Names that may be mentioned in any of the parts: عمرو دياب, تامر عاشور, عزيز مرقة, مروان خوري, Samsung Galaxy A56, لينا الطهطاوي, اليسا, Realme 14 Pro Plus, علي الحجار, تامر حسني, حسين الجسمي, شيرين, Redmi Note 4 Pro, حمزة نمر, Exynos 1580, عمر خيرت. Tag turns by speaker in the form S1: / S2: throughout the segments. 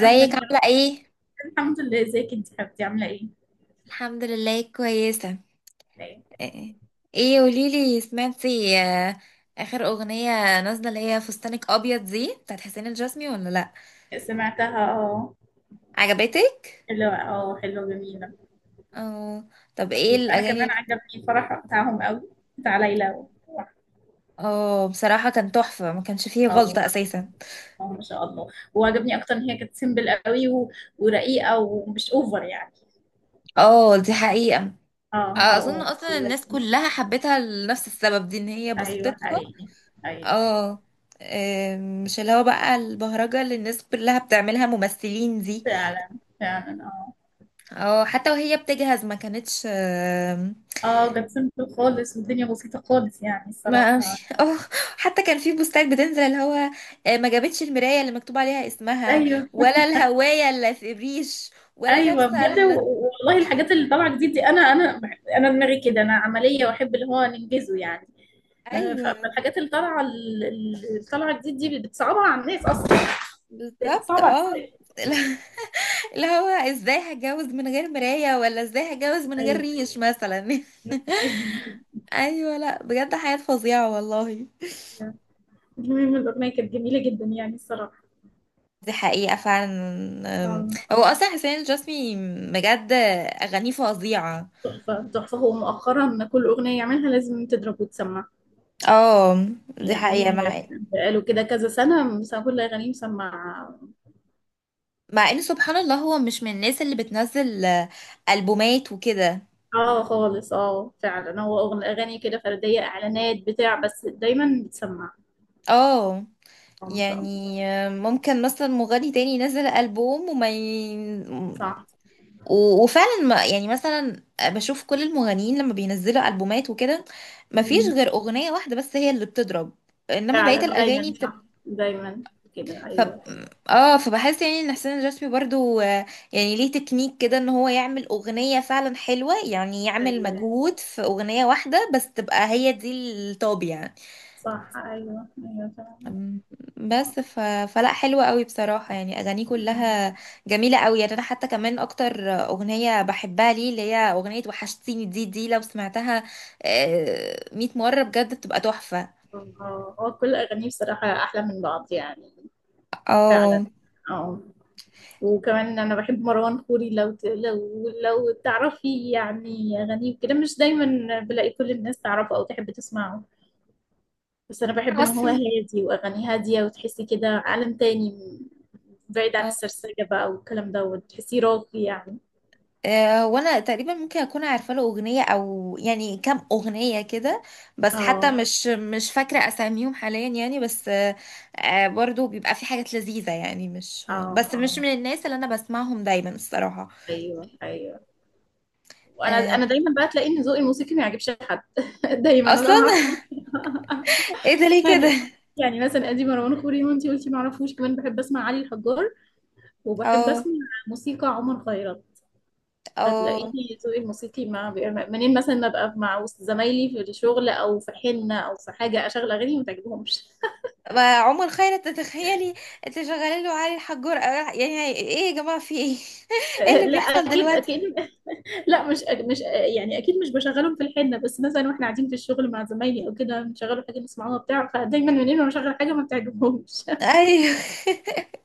S1: أهلا يا
S2: عاملة ايه؟
S1: رب. الحمد لله، ازيك انت حبيبتي عاملة ايه؟
S2: الحمد لله كويسة.
S1: لا.
S2: ايه قوليلي، سمعتي اخر اغنية نازلة اللي هي فستانك ابيض دي بتاعت حسين الجسمي ولا لا؟
S1: إيه. سمعتها اه.
S2: عجبتك؟
S1: حلوة اه حلوة جميلة.
S2: اه. طب ايه
S1: لطيف. أنا
S2: الاغاني
S1: كمان
S2: اللي...
S1: عجبني الفرح بتاعهم قوي، بتاع ليلى
S2: اه، بصراحة كان تحفة، ما كانش فيه
S1: اه،
S2: غلطة اساسا.
S1: اه، ما شاء الله. وعجبني أكتر إن هي كانت سيمبل قوي و، ورقيقة ومش أوفر يعني.
S2: اه، دي حقيقة.
S1: اه، اه،
S2: اظن
S1: اه،
S2: اصلا الناس
S1: دلوقتي.
S2: كلها حبتها لنفس السبب دي، ان هي بسطتها.
S1: أيوه حقيقي. أيوه.
S2: اه. مش اللي هو بقى البهرجة اللي الناس كلها بتعملها ممثلين دي.
S1: فعلا فعلا اه.
S2: اه، حتى وهي بتجهز ما كانتش
S1: اه كانت سيمبل خالص والدنيا بسيطة خالص يعني
S2: ما
S1: الصراحة.
S2: اه، حتى كان في بوستات بتنزل اللي هو ما جابتش المراية اللي مكتوب عليها اسمها،
S1: ايوه،
S2: ولا الهواية اللي في الريش، ولا
S1: ايوه،
S2: لابسة
S1: بجد.
S2: ال...
S1: والله الحاجات اللي طالعه جديد دي، انا دماغي كده. انا عمليه واحب اللي هو ننجزه يعني.
S2: ايوه
S1: فالحاجات اللي طالعه اللي طالعه جديد دي بتصعبها على الناس اصلا.
S2: بالظبط
S1: بتصعبها على
S2: اه.
S1: الناس.
S2: اللي هو ازاي هتجوز من غير مراية، ولا ازاي هتجوز من غير
S1: ايوه،
S2: ريش مثلا؟
S1: ايوه.
S2: ايوه، لا بجد حياة فظيعة والله.
S1: المهم الاغنيه كانت جميله جدا يعني الصراحه.
S2: دي حقيقة فعلا. أم،
S1: آه،
S2: هو اصلا حسين الجسمي بجد اغانيه فظيعة.
S1: تحفه تحفه. هو مؤخرا كل اغنيه يعملها لازم تضرب وتسمع
S2: اه، دي حقيقة.
S1: يعني.
S2: مع
S1: بقاله كده كذا سنه مثلا كل اغانيه مسمع.
S2: مع ان سبحان الله هو مش من الناس اللي بتنزل ألبومات وكده.
S1: اه خالص، اه فعلا. هو اغاني كده فرديه اعلانات بتاع، بس دايما بتسمع.
S2: اه.
S1: اه ما شاء الله.
S2: يعني ممكن مثلا مغني تاني ينزل ألبوم وما ي...
S1: صح.
S2: وفعلا ما يعني، مثلا بشوف كل المغنيين لما بينزلوا ألبومات وكده ما فيش
S1: مم.
S2: غير أغنية واحدة بس هي اللي بتضرب، انما
S1: فعلا،
S2: بقية الأغاني...
S1: دايما صح، دايما كده.
S2: ف
S1: ايوه،
S2: اه، فبحس يعني ان حسين الجسمي برضو يعني ليه تكنيك كده، ان هو يعمل اغنية فعلا حلوة، يعني يعمل
S1: ايوه،
S2: مجهود في اغنية واحدة بس تبقى هي دي الطاب يعني.
S1: صح. ايوه، ايوه فعلا،
S2: أم،
S1: صح.
S2: بس ف... فلا حلوة قوي بصراحة، يعني اغانيه
S1: ايوه،
S2: كلها جميلة قوي، يعني انا حتى كمان اكتر اغنية بحبها ليه اللي هي اغنية وحشتيني دي، لو سمعتها 100 مرة بجد بتبقى تحفة.
S1: اه. هو كل اغانيه بصراحه احلى من بعض يعني. فعلا.
S2: اه
S1: اه. وكمان انا بحب مروان خوري، لو ت... لو لو تعرفي. يعني اغانيه كده مش دايما بلاقي كل الناس تعرفه او تحب تسمعه. بس انا بحب ان هو
S2: عاصم.
S1: هادي واغاني هاديه وتحسي كده عالم تاني، بعيد عن السرسجه بقى والكلام ده، وتحسيه راقي يعني.
S2: وانا تقريبا ممكن اكون عارفه له اغنيه، او يعني كام اغنيه كده، بس حتى
S1: اه،
S2: مش فاكره اساميهم حاليا، يعني بس برضو بيبقى في حاجات لذيذه، يعني مش
S1: اه،
S2: بس، مش
S1: اه.
S2: من الناس اللي انا بسمعهم دايما الصراحه.
S1: ايوه، ايوه. وانا
S2: آه،
S1: انا دايما بقى تلاقي ان ذوقي الموسيقي ما يعجبش حد دايما. انا
S2: اصلا.
S1: ما اعرفش
S2: ايه ده ليه كده؟
S1: يعني. يعني مثلا ادي مروان خوري وانتي قلتي ما اعرفوش. كمان بحب اسمع علي الحجار، وبحب
S2: اه
S1: اسمع موسيقى عمر خيرت.
S2: اه.
S1: فتلاقيني ذوقي الموسيقي ما بي- منين مثلا ما ابقى مع وسط زمايلي في الشغل او في حنه او في حاجه اشغل اغاني ما تعجبهمش.
S2: ما عمر خيرت تتخيلي؟ انت شغاله له علي الحجور يعني ايه يا جماعه؟ في ايه؟ ايه اللي
S1: لا،
S2: بيحصل
S1: اكيد اكيد.
S2: دلوقتي؟
S1: لا، مش يعني، اكيد مش بشغلهم في الحنه، بس مثلا واحنا قاعدين في الشغل مع زمايلي او كده بنشغلوا حاجه نسمعوها بتاع. فدايما منين ما بشغل حاجه ما بتعجبهمش.
S2: ايوه.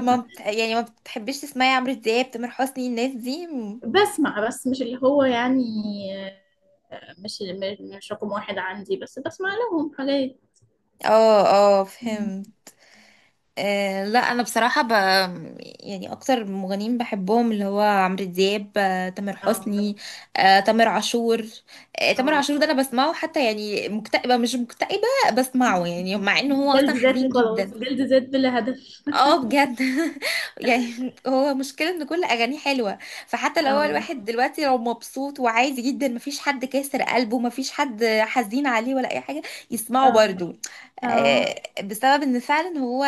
S2: ما بت... يعني ما بتحبيش تسمعي عمرو دياب، تامر حسني، الناس دي م-؟
S1: بسمع، بس مش اللي هو يعني. مش مش رقم واحد عندي، بس بسمع لهم حاجات.
S2: اه، اه فهمت. آه، لا انا بصراحه ب... يعني اكتر مغنيين بحبهم اللي هو عمرو دياب، تامر
S1: اه،
S2: حسني، تامر عاشور. تامر
S1: اه،
S2: عاشور ده انا بسمعه حتى يعني مكتئبه مش مكتئبه، بسمعه يعني مع انه هو
S1: جلد
S2: اصلا
S1: ذات
S2: حزين جدا.
S1: وخلاص، جلد ذات بلا هدف.
S2: اه بجد. يعني هو مشكلة ان كل اغانيه حلوة، فحتى لو هو
S1: اه،
S2: الواحد دلوقتي لو مبسوط وعادي جدا، مفيش حد كاسر قلبه، مفيش حد حزين عليه ولا اي حاجة، يسمعه
S1: اه،
S2: برضو
S1: اه.
S2: آه، بسبب ان فعلا هو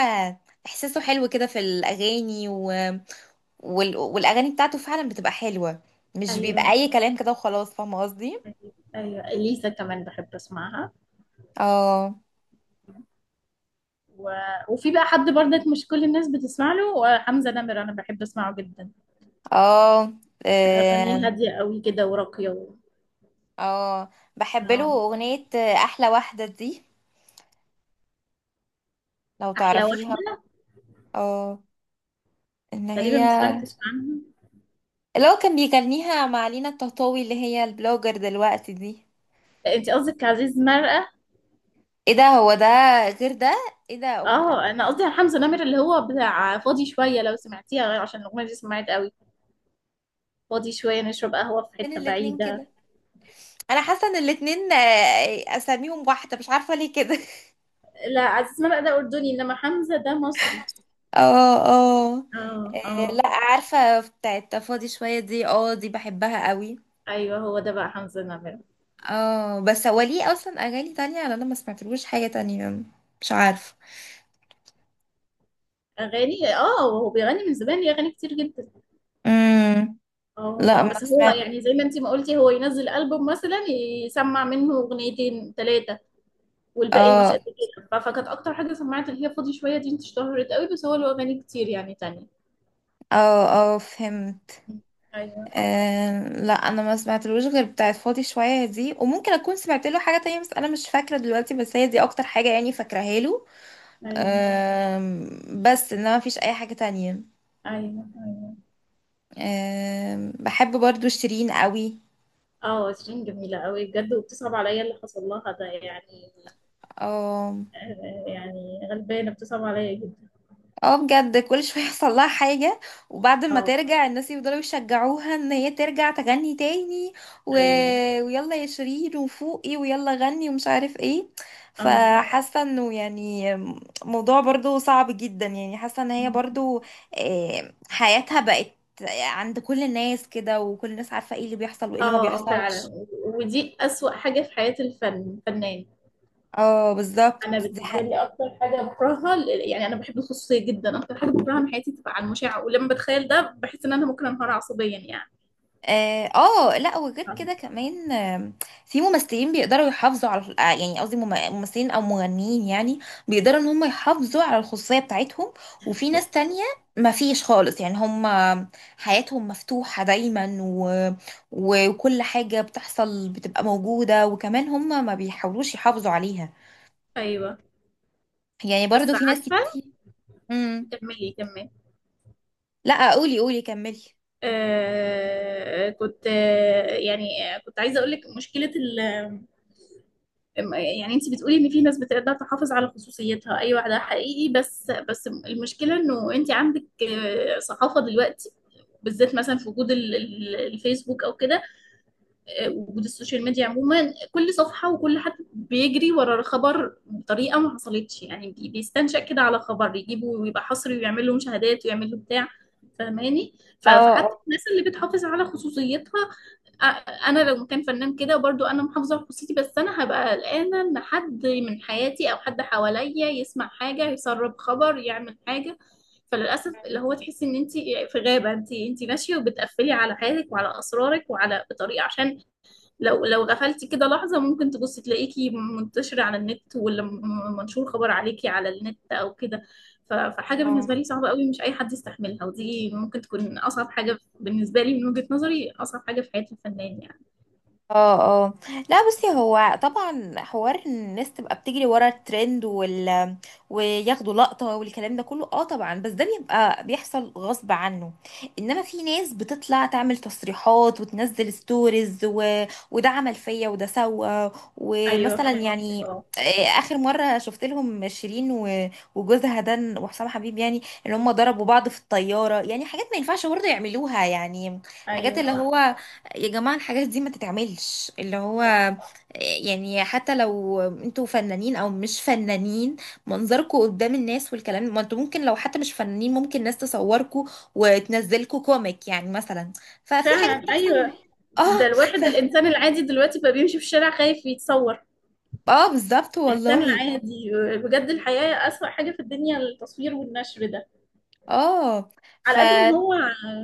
S2: احساسه حلو كده في الاغاني و... والاغاني بتاعته فعلا بتبقى حلوة، مش بيبقى
S1: ايوه،
S2: اي كلام كده وخلاص، فاهمة قصدي.
S1: ايوه. ايوه اليسا كمان بحب اسمعها.
S2: اه،
S1: و... وفي بقى حد برضك مش كل الناس بتسمع له، حمزة نمر. أنا بحب أسمعه جدا.
S2: اه،
S1: أغانيه
S2: اه.
S1: هادية قوي كده وراقية
S2: آه. بحب له
S1: آه.
S2: اغنية، احلى واحدة دي، لو
S1: أحلى
S2: تعرفيها.
S1: واحدة
S2: اه، ان
S1: تقريبا
S2: هي
S1: ما سمعتش عنها.
S2: اللي هو كان بيغنيها مع لينا الطهطاوي اللي هي البلوجر دلوقتي دي.
S1: أنت قصدك عزيز مرقة.
S2: ايه ده؟ هو ده. غير ده؟ ايه ده
S1: اه انا قصدي على حمزة نمر اللي هو بتاع فاضي شوية، لو سمعتيها عشان الأغنية دي سمعت قوي. فاضي شوية، نشرب قهوة في
S2: فين
S1: حتة
S2: الاتنين
S1: بعيدة.
S2: كده؟ انا حاسه ان الاتنين اساميهم واحده، مش عارفه ليه كده.
S1: لا، عزيز مرقة ده أردني، إنما حمزة ده مصري.
S2: اه، اه.
S1: اه، اه.
S2: لا عارفه بتاعت فاضي شويه دي، اه دي بحبها قوي.
S1: ايوه، هو ده بقى حمزة نمر.
S2: اه، بس هو ليه اصلا اغاني تانية، لأن انا ما سمعتلوش حاجه تانية، مش عارفه.
S1: أغاني، اه، هو بيغني من زمان ليه أغاني كتير جدا.
S2: امم
S1: اه،
S2: لا ما
S1: بس هو
S2: سمعت.
S1: يعني زي ما انت ما قلتي، هو ينزل ألبوم مثلا يسمع منه اغنيتين ثلاثة والباقي مش
S2: اه،
S1: قد كده. فكانت اكتر حاجة سمعت اللي هي فاضي شوية دي، انت اشتهرت قوي، بس هو له اغاني كتير يعني تانية.
S2: اه، اه فهمت.
S1: ايوه،
S2: آه، لا انا ما سمعتلوش غير بتاعت فاضي شويه دي، وممكن اكون سمعت له حاجه تانية بس انا مش فاكره دلوقتي، بس هي دي اكتر حاجه يعني فاكراها له.
S1: ايوه.
S2: بس انما مفيش اي حاجه تانية.
S1: ايوه، ايوه.
S2: بحب برضو شيرين قوي.
S1: اه، شيرين جميلة قوي بجد، وبتصعب عليا اللي حصل لها ده يعني. يعني غلبانة، بتصعب عليا جدا.
S2: اه بجد، كل شويه يحصل لها حاجه، وبعد ما
S1: اه،
S2: ترجع الناس يفضلوا يشجعوها ان هي ترجع تغني تاني و...
S1: ايوه.
S2: ويلا يا شيرين وفوقي، ويلا غني ومش عارف ايه.
S1: اه،
S2: فحاسه انه يعني موضوع برضو صعب جدا، يعني حاسه ان هي برضو حياتها بقت عند كل الناس كده، وكل الناس عارفه ايه اللي بيحصل وايه
S1: اه.
S2: اللي ما بيحصلش.
S1: فعلا، ودي أسوأ حاجة في حياة الفن. الفنان.
S2: اه بالظبط،
S1: انا
S2: دي
S1: بالنسبه
S2: حقيقة.
S1: لي اكتر حاجه بكرهها، يعني انا بحب الخصوصيه جدا. اكتر حاجه بكرهها من حياتي تبقى على المشاع، ولما بتخيل ده بحس ان انا ممكن انهار عصبيا يعني.
S2: اه، لا وغير كده كمان في ممثلين بيقدروا يحافظوا على يعني قصدي ممثلين او مغنيين، يعني بيقدروا ان هم يحافظوا على الخصوصية بتاعتهم، وفي ناس تانية ما فيش خالص، يعني هم حياتهم مفتوحة دايما و... وكل حاجة بتحصل بتبقى موجودة، وكمان هم ما بيحاولوش يحافظوا عليها،
S1: ايوه.
S2: يعني برضو
S1: بس
S2: في ناس
S1: عارفه.
S2: كتير. مم.
S1: كملي كملي.
S2: لا قولي قولي كملي.
S1: آه كنت آه يعني آه، كنت عايزه اقول لك مشكله ال. يعني انت بتقولي ان في ناس بتقدر تحافظ على خصوصيتها، ايوه ده حقيقي، بس المشكله انه انت عندك، صحافه دلوقتي بالذات، مثلا في وجود الفيسبوك او كده. وجود السوشيال ميديا عموما كل صفحة وكل حد بيجري ورا خبر بطريقة ما حصلتش، يعني بيستنشق كده على خبر يجيبه ويبقى حصري ويعمل له مشاهدات ويعمل له بتاع. فاهماني. فحتى
S2: اه،
S1: الناس اللي بتحافظ على خصوصيتها. انا لو كان فنان كده برضو انا محافظة على خصوصيتي، بس انا هبقى قلقانة ان حد من حياتي او حد حواليا يسمع حاجة يسرب خبر يعمل حاجة. فللاسف اللي هو تحسي ان انت في غابه. انت ماشيه وبتقفلي على حياتك وعلى اسرارك وعلى بطريقه، عشان لو غفلتي كده لحظة ممكن تبصي تلاقيكي منتشرة على النت، ولا منشور خبر عليكي على النت أو كده. فحاجة بالنسبة
S2: اه،
S1: لي صعبة قوي، مش أي حد يستحملها، ودي ممكن تكون أصعب حاجة بالنسبة لي من وجهة نظري. أصعب حاجة في حياة الفنان يعني.
S2: اه، اه. لا بصي، هو طبعا حوار ان الناس تبقى بتجري ورا الترند وياخدوا لقطة والكلام ده كله، اه طبعا، بس ده بيبقى بيحصل غصب عنه، انما في ناس بتطلع تعمل تصريحات وتنزل ستوريز و... وده عمل فيا وده سوى
S1: أيوه
S2: ومثلا
S1: فهمت.
S2: يعني
S1: اه،
S2: آه، اخر مره شفت لهم شيرين وجوزها ده وحسام حبيب، يعني ان هم ضربوا بعض في الطياره، يعني حاجات ما ينفعش برضه يعملوها، يعني حاجات
S1: أيوه،
S2: اللي
S1: صح.
S2: هو، يا جماعة الحاجات دي ما تتعملش، اللي هو
S1: صح
S2: يعني حتى لو انتوا فنانين او مش فنانين، منظركوا قدام الناس والكلام، ما انتوا ممكن لو حتى مش فنانين ممكن ناس تصوركوا وتنزلكوا كوميك يعني مثلا، ففي حاجات
S1: فعلا.
S2: بتحصل.
S1: أيوه، ده
S2: اه ف...
S1: الواحد الإنسان العادي دلوقتي بقى بيمشي في الشارع خايف يتصور.
S2: اه بالظبط
S1: الإنسان
S2: والله.
S1: العادي، بجد الحياة. أسوأ حاجة في الدنيا التصوير والنشر ده.
S2: اه ف
S1: على قد ما هو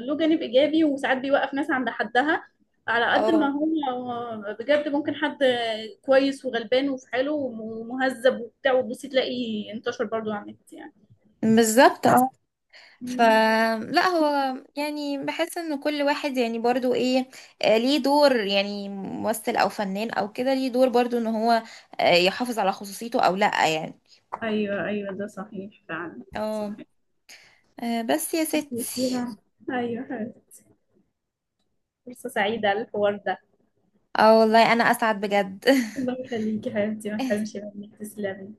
S1: له جانب ايجابي وساعات بيوقف ناس عند حدها، على قد ما
S2: اه
S1: هو بجد، ممكن حد كويس وغلبان وفي حاله ومهذب وبتاع وتبصي تلاقي انتشر برضو على النت يعني.
S2: بالظبط. اه ف،
S1: مم.
S2: لا هو يعني بحس ان كل واحد يعني برضو ايه، ليه دور، يعني ممثل او فنان او كده، ليه دور برضو ان هو يحافظ على خصوصيته او لا يعني.
S1: ايوه، ايوه، ده صحيح فعلا.
S2: اه،
S1: صحيح.
S2: بس يا ستي.
S1: يسيرة. ايوه حبيبتي. فرصة سعيدة الحوار ده.
S2: اه والله انا اسعد بجد.
S1: الله يخليكي حبيبتي، ما تحرمش مني. تسلمي.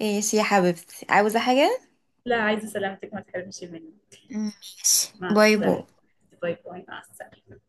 S2: ايش يا حبيبتي، عاوزة حاجة؟
S1: لا، عايزة سلامتك، ما تحرمش مني.
S2: ماشي،
S1: مع
S2: باي باي.
S1: السلامة. باي باي، مع السلامة.